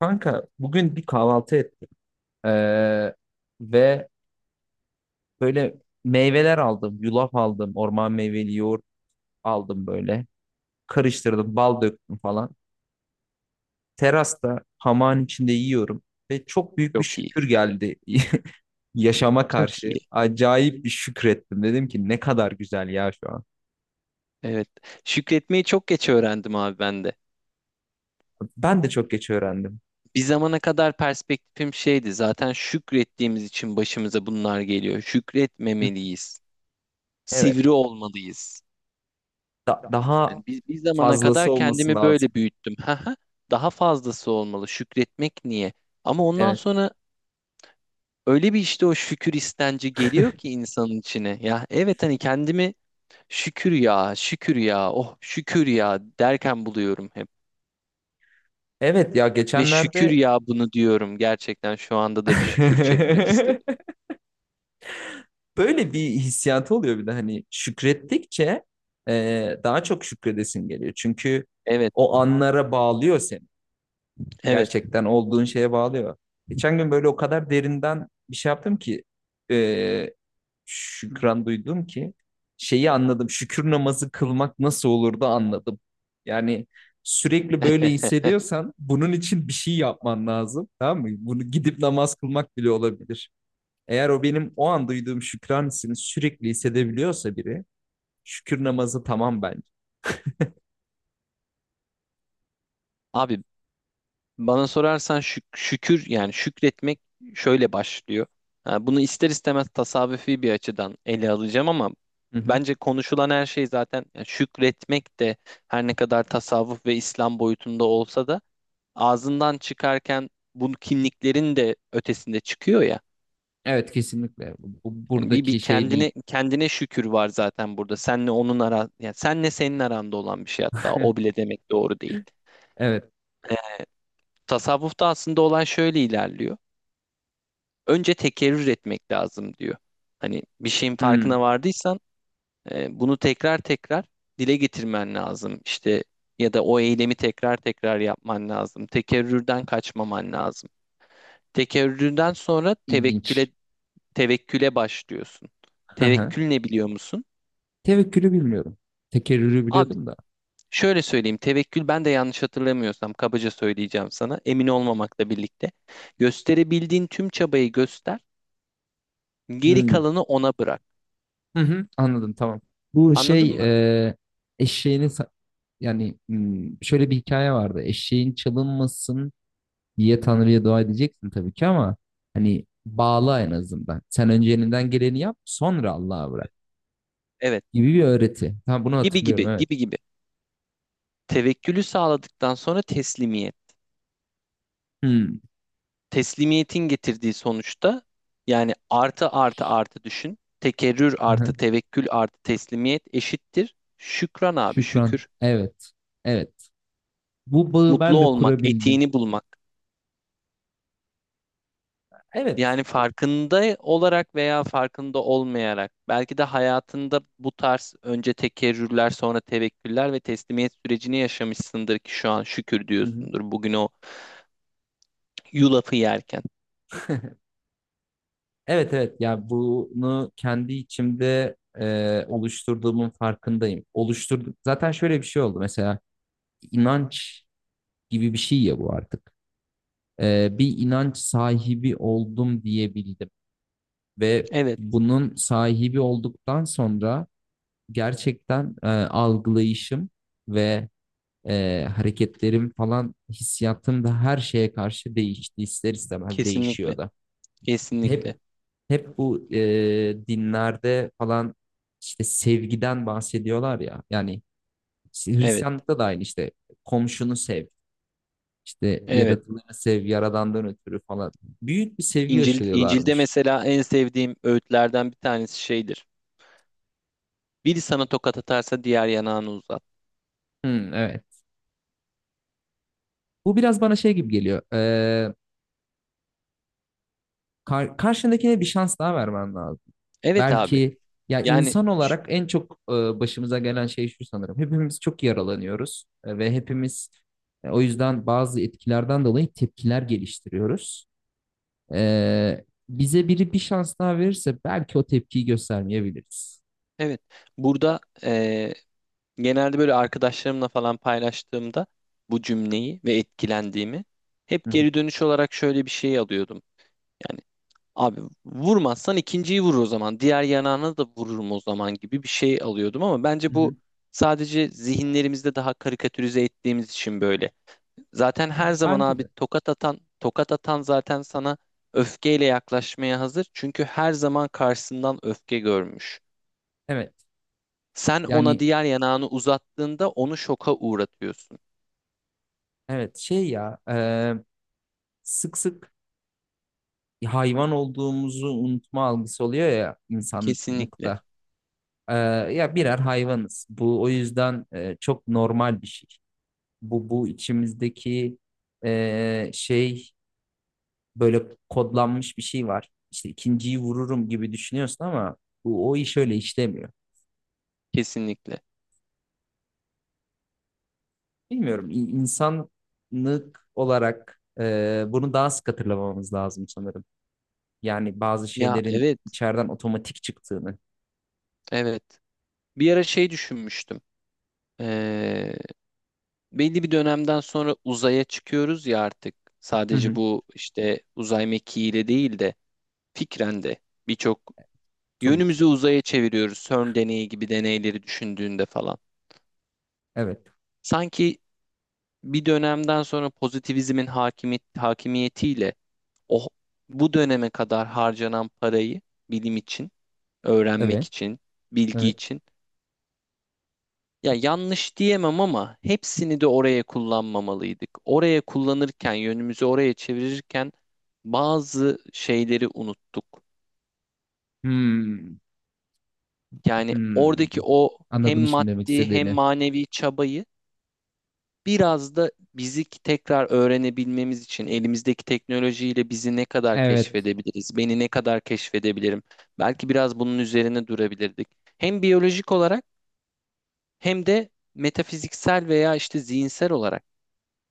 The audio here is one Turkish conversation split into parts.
Kanka bugün bir kahvaltı ettim. Ee, ve böyle meyveler aldım. Yulaf aldım. Orman meyveli yoğurt aldım böyle. Karıştırdım. Bal döktüm falan. Terasta hamağın içinde yiyorum. Ve çok büyük bir Çok iyi. şükür geldi yaşama Çok karşı. iyi. Acayip bir şükrettim. Dedim ki ne kadar güzel ya şu an. Evet. Şükretmeyi çok geç öğrendim abi ben de. Ben de çok geç öğrendim. Bir zamana kadar perspektifim şeydi. Zaten şükrettiğimiz için başımıza bunlar geliyor. Hı, Şükretmemeliyiz. evet. Sivri olmalıyız. Daha Yani bir zamana fazlası kadar olması kendimi böyle lazım. büyüttüm. Haha, daha fazlası olmalı. Şükretmek niye? Ama ondan Evet. sonra öyle bir işte o şükür istenci geliyor ki insanın içine. Ya evet hani kendimi şükür ya, şükür ya, oh şükür ya derken buluyorum hep. Evet ya Ve şükür geçenlerde ya bunu diyorum. Gerçekten şu anda da bir şükür çekmek istedim. böyle bir hissiyatı oluyor bir de hani şükrettikçe daha çok şükredesin geliyor. Çünkü Evet, o anlara bağlıyor seni. evet. Gerçekten olduğun şeye bağlıyor. Geçen gün böyle o kadar derinden bir şey yaptım ki e, şükran duydum ki şeyi anladım. Şükür namazı kılmak nasıl olur da anladım. Yani sürekli böyle hissediyorsan bunun için bir şey yapman lazım. Tamam mı? Bunu gidip namaz kılmak bile olabilir. Eğer o benim o an duyduğum şükran hissini sürekli hissedebiliyorsa biri, şükür namazı tamam bence. Abi bana sorarsan şükür yani şükretmek şöyle başlıyor. Ha, bunu ister istemez tasavvufi bir açıdan ele alacağım ama Hı hı. bence konuşulan her şey zaten yani şükretmek de her ne kadar tasavvuf ve İslam boyutunda olsa da ağzından çıkarken bu kimliklerin de ötesinde çıkıyor ya. Evet, kesinlikle. Hani bir Buradaki şey değil. kendine kendine şükür var zaten burada. Senle onun ara yani senle senin aranda olan bir şey hatta o bile demek doğru değil. Evet. Tasavvufta aslında olan şöyle ilerliyor. Önce tekerrür etmek lazım diyor. Hani bir şeyin Hmm. farkına vardıysan bunu tekrar tekrar dile getirmen lazım. İşte ya da o eylemi tekrar tekrar yapman lazım. Tekerrürden kaçmaman lazım. Tekerrürden sonra İlginç. tevekküle başlıyorsun. Hı hı. Tevekkül ne biliyor musun? Tevekkülü bilmiyorum. Tekerrürü Abi biliyordum da. şöyle söyleyeyim, tevekkül ben de yanlış hatırlamıyorsam kabaca söyleyeceğim sana, emin olmamakla birlikte. Gösterebildiğin tüm çabayı göster, geri Hmm. kalanı ona bırak. Hı hı. Anladım, tamam. Bu Anladın şey mı? e, eşeğini sa- yani hmm, şöyle bir hikaye vardı. Eşeğin çalınmasın diye Tanrı'ya dua edeceksin tabii ki ama hani bağla en azından. Sen önce elinden geleni yap sonra Allah'a bırak. Evet, Gibi bir öğreti. Ha, bunu gibi gibi, hatırlıyorum, evet. gibi gibi. Tevekkülü sağladıktan sonra teslimiyet. Hmm. Teslimiyetin getirdiği sonuçta yani artı artı artı düşün. Tekerrür Aha. artı tevekkül artı teslimiyet eşittir. Şükran abi Şükran. şükür. Evet. Evet. Bu bağı Mutlu ben de olmak, kurabildim. etiğini bulmak. Evet. Yani farkında olarak veya farkında olmayarak belki de hayatında bu tarz önce tekerrürler sonra tevekküller ve teslimiyet sürecini yaşamışsındır ki şu an şükür Hı hı. diyorsundur bugün o yulafı yerken. Evet, evet ya bunu kendi içimde oluşturduğumun farkındayım. Oluşturduk. Zaten şöyle bir şey oldu mesela inanç gibi bir şey ya bu artık. E, bir inanç sahibi oldum diyebildim ve Evet, bunun sahibi olduktan sonra gerçekten algılayışım ve hareketlerim falan hissiyatım da her şeye karşı değişti. İster istemez değişiyor kesinlikle. da. Kesinlikle. Hep hep bu dinlerde falan işte sevgiden bahsediyorlar ya. Yani işte Evet. Hristiyanlıkta da aynı işte komşunu sev, işte Evet. yaratılanı sev, yaradandan ötürü falan. Büyük bir sevgi İncil, İncil'de aşılıyorlarmış. mesela en sevdiğim öğütlerden bir tanesi şeydir. Biri sana tokat atarsa diğer yanağını uzat. Hmm, evet. Bu biraz bana şey gibi geliyor. Karşındakine bir şans daha vermen lazım. Evet abi. Belki ya insan Yani olarak en çok başımıza gelen şey şu sanırım. Hepimiz çok yaralanıyoruz ve hepimiz o yüzden bazı etkilerden dolayı tepkiler geliştiriyoruz. E, bize biri bir şans daha verirse belki o tepkiyi göstermeyebiliriz. evet. Burada genelde böyle arkadaşlarımla falan paylaştığımda bu cümleyi ve etkilendiğimi Hı hep hı. geri dönüş olarak şöyle bir şey alıyordum. Yani abi vurmazsan ikinciyi vurur o zaman. Diğer yanağına da vururum o zaman gibi bir şey alıyordum ama bence Hı bu hı. sadece zihinlerimizde daha karikatürize ettiğimiz için böyle. Zaten her zaman Bence abi de. tokat atan, tokat atan zaten sana öfkeyle yaklaşmaya hazır. Çünkü her zaman karşısından öfke görmüş. Evet. Sen ona Yani diğer yanağını uzattığında onu şoka uğratıyorsun. evet şey ya sık sık hayvan olduğumuzu unutma algısı oluyor ya Kesinlikle, insanlıkta. Ee, ya birer hayvanız. Bu o yüzden çok normal bir şey. Bu içimizdeki şey böyle kodlanmış bir şey var. İşte ikinciyi vururum gibi düşünüyorsun ama bu o iş öyle işlemiyor. kesinlikle. Bilmiyorum insanlık olarak bunu daha sık hatırlamamız lazım sanırım. Yani bazı Ya şeylerin evet, içeriden otomatik çıktığını. evet. Bir ara şey düşünmüştüm. Ee, Belli bir dönemden sonra uzaya çıkıyoruz ya artık. Hı Sadece hı, bu işte uzay mekiğiyle değil de fikren de birçok tabii ki. yönümüzü uzaya çeviriyoruz. CERN deneyi gibi deneyleri düşündüğünde falan. Evet. Sanki bir dönemden sonra pozitivizmin hakimiyet, hakimiyetiyle o bu döneme kadar harcanan parayı bilim için, öğrenmek Evet. için, bilgi Evet. için ya yanlış diyemem ama hepsini de oraya kullanmamalıydık. Oraya kullanırken, yönümüzü oraya çevirirken bazı şeyleri unuttuk. Hmm, Yani hmm. oradaki o hem Anladım şimdi demek maddi hem istediğini. manevi çabayı biraz da bizi tekrar öğrenebilmemiz için elimizdeki teknolojiyle bizi ne kadar Evet, keşfedebiliriz, beni ne kadar keşfedebilirim? Belki biraz bunun üzerine durabilirdik. Hem biyolojik olarak hem de metafiziksel veya işte zihinsel olarak.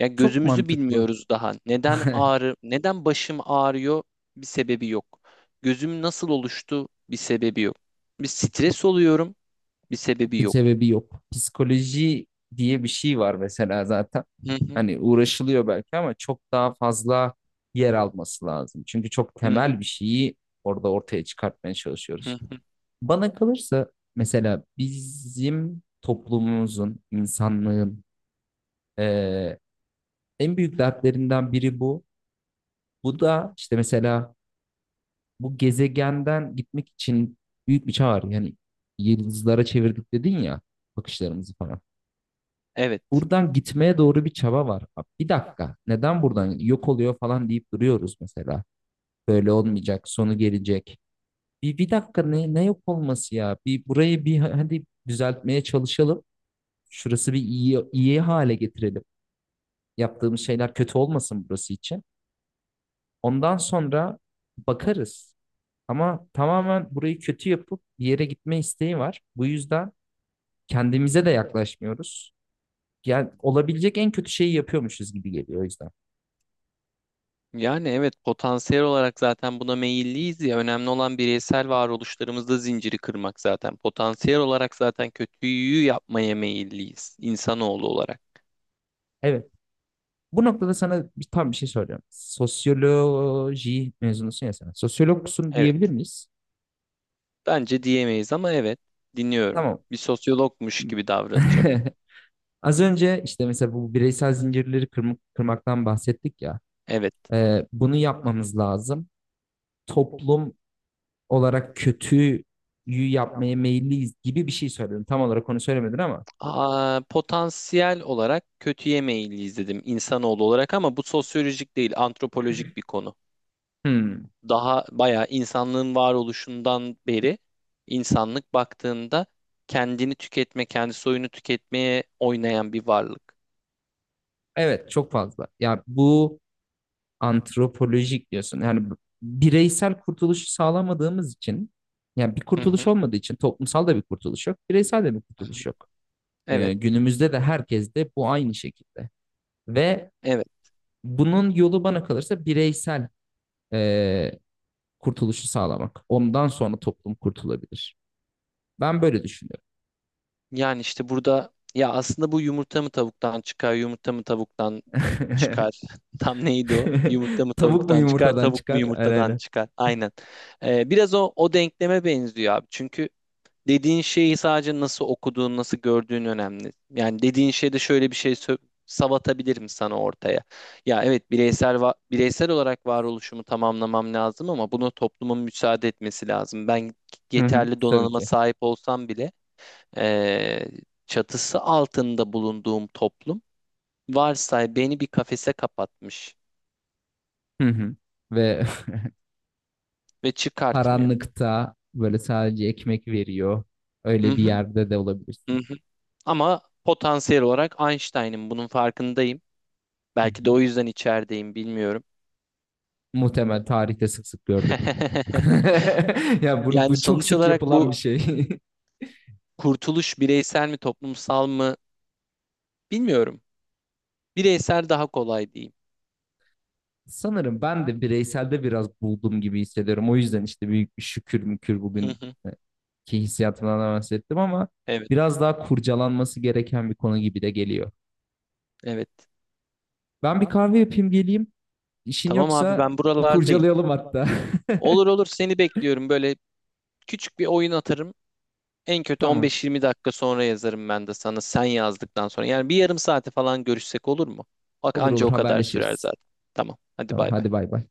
Ya çok gözümüzü mantıklı. bilmiyoruz daha. Neden ağrı, neden başım ağrıyor? Bir sebebi yok. Gözüm nasıl oluştu? Bir sebebi yok. Bir stres oluyorum. Bir sebebi Bir yok. sebebi yok. Psikoloji diye bir şey var mesela zaten. Hı hı, Hani uğraşılıyor belki ama çok daha fazla yer alması lazım. Çünkü çok hı hı, temel bir şeyi orada ortaya çıkartmaya hı çalışıyoruz. hı. Bana kalırsa mesela bizim toplumumuzun, insanlığın eee, en büyük dertlerinden biri bu. Bu da işte mesela bu gezegenden gitmek için büyük bir çağ var. Yani yıldızlara çevirdik dedin ya bakışlarımızı falan. Evet. Buradan gitmeye doğru bir çaba var. Abi bir dakika neden buradan yok oluyor falan deyip duruyoruz mesela. Böyle olmayacak, sonu gelecek. Bir dakika ne yok olması ya? Bir burayı bir hadi düzeltmeye çalışalım. Şurası bir iyi, iyi hale getirelim. Yaptığımız şeyler kötü olmasın burası için. Ondan sonra bakarız. Ama tamamen burayı kötü yapıp bir yere gitme isteği var. Bu yüzden kendimize de yaklaşmıyoruz. Yani olabilecek en kötü şeyi yapıyormuşuz gibi geliyor o yüzden. Yani evet potansiyel olarak zaten buna meyilliyiz ya önemli olan bireysel varoluşlarımızda zinciri kırmak zaten. Potansiyel olarak zaten kötüyü yapmaya meyilliyiz insanoğlu olarak. Evet. Bu noktada sana bir, tam bir şey soracağım. Sosyoloji mezunusun ya sen. Sosyologsun Evet diyebilir miyiz? bence diyemeyiz ama evet dinliyorum. Tamam. Bir sosyologmuş gibi davranacağım. Az önce işte mesela bu bireysel zincirleri kırmaktan bahsettik ya. Evet. Bunu yapmamız lazım. Toplum olarak kötüyü yapmaya meyilliyiz gibi bir şey söyledim. Tam olarak onu söylemedin ama. Aa, potansiyel olarak kötüye meyilliyiz dedim insanoğlu olarak ama bu sosyolojik değil antropolojik bir konu. Hmm, Daha bayağı insanlığın varoluşundan beri insanlık baktığında kendini tüketme, kendi soyunu tüketmeye oynayan bir varlık. evet, çok fazla. Ya bu antropolojik diyorsun. Yani bireysel kurtuluşu sağlamadığımız için yani bir Hı hı, kurtuluş olmadığı için toplumsal da bir kurtuluş yok. Bireysel de bir hı hı. kurtuluş yok. Evet, Günümüzde de herkes de bu aynı şekilde. Ve evet. bunun yolu bana kalırsa bireysel e, kurtuluşu sağlamak. Ondan sonra toplum kurtulabilir. Ben böyle düşünüyorum. Yani işte burada ya aslında bu yumurta mı tavuktan çıkar, yumurta mı tavuktan çıkar? Tam neydi o? Yumurta mı Tavuk mu tavuktan çıkar, yumurtadan tavuk mu çıkar? Aynen, yumurtadan aynen. çıkar? Aynen. Biraz o denkleme benziyor abi. Çünkü dediğin şeyi sadece nasıl okuduğun, nasıl gördüğün önemli. Yani dediğin şeyde şöyle bir şey savatabilirim sana ortaya. Ya evet bireysel olarak varoluşumu tamamlamam lazım ama buna toplumun müsaade etmesi lazım. Ben Hı hı. yeterli Tabii donanıma ki. sahip olsam bile eee, çatısı altında bulunduğum toplum varsay beni bir kafese kapatmış Hı hı. Ve ve çıkartmıyor. karanlıkta böyle sadece ekmek veriyor. Hı Öyle bir hı, yerde de hı olabilirsin. hı. Ama potansiyel olarak Einstein'ın bunun farkındayım. Hı Belki de hı. o yüzden içerideyim bilmiyorum. Muhtemel tarihte sık sık gördük. Ya bunu, Yani bu çok sonuç sık olarak yapılan bu bir şey. kurtuluş bireysel mi toplumsal mı bilmiyorum. Bireysel daha kolay diyeyim. Sanırım ben de bireyselde biraz buldum gibi hissediyorum. O yüzden işte büyük bir şükür mükür Hı bugün hı. e, ki hissiyatımdan da bahsettim ama Evet, biraz daha kurcalanması gereken bir konu gibi de geliyor. evet. Ben bir kahve yapayım geleyim. İşin Tamam abi yoksa ben buralardayım. kurcalayalım hatta. Olur olur seni bekliyorum. Böyle küçük bir oyun atarım. En kötü Tamam. 15-20 dakika sonra yazarım ben de sana sen yazdıktan sonra. Yani bir yarım saate falan görüşsek olur mu? Bak Olur, anca olur, o kadar sürer haberleşiriz. zaten. Tamam. Hadi Tamam, bay hadi bay. bay bay.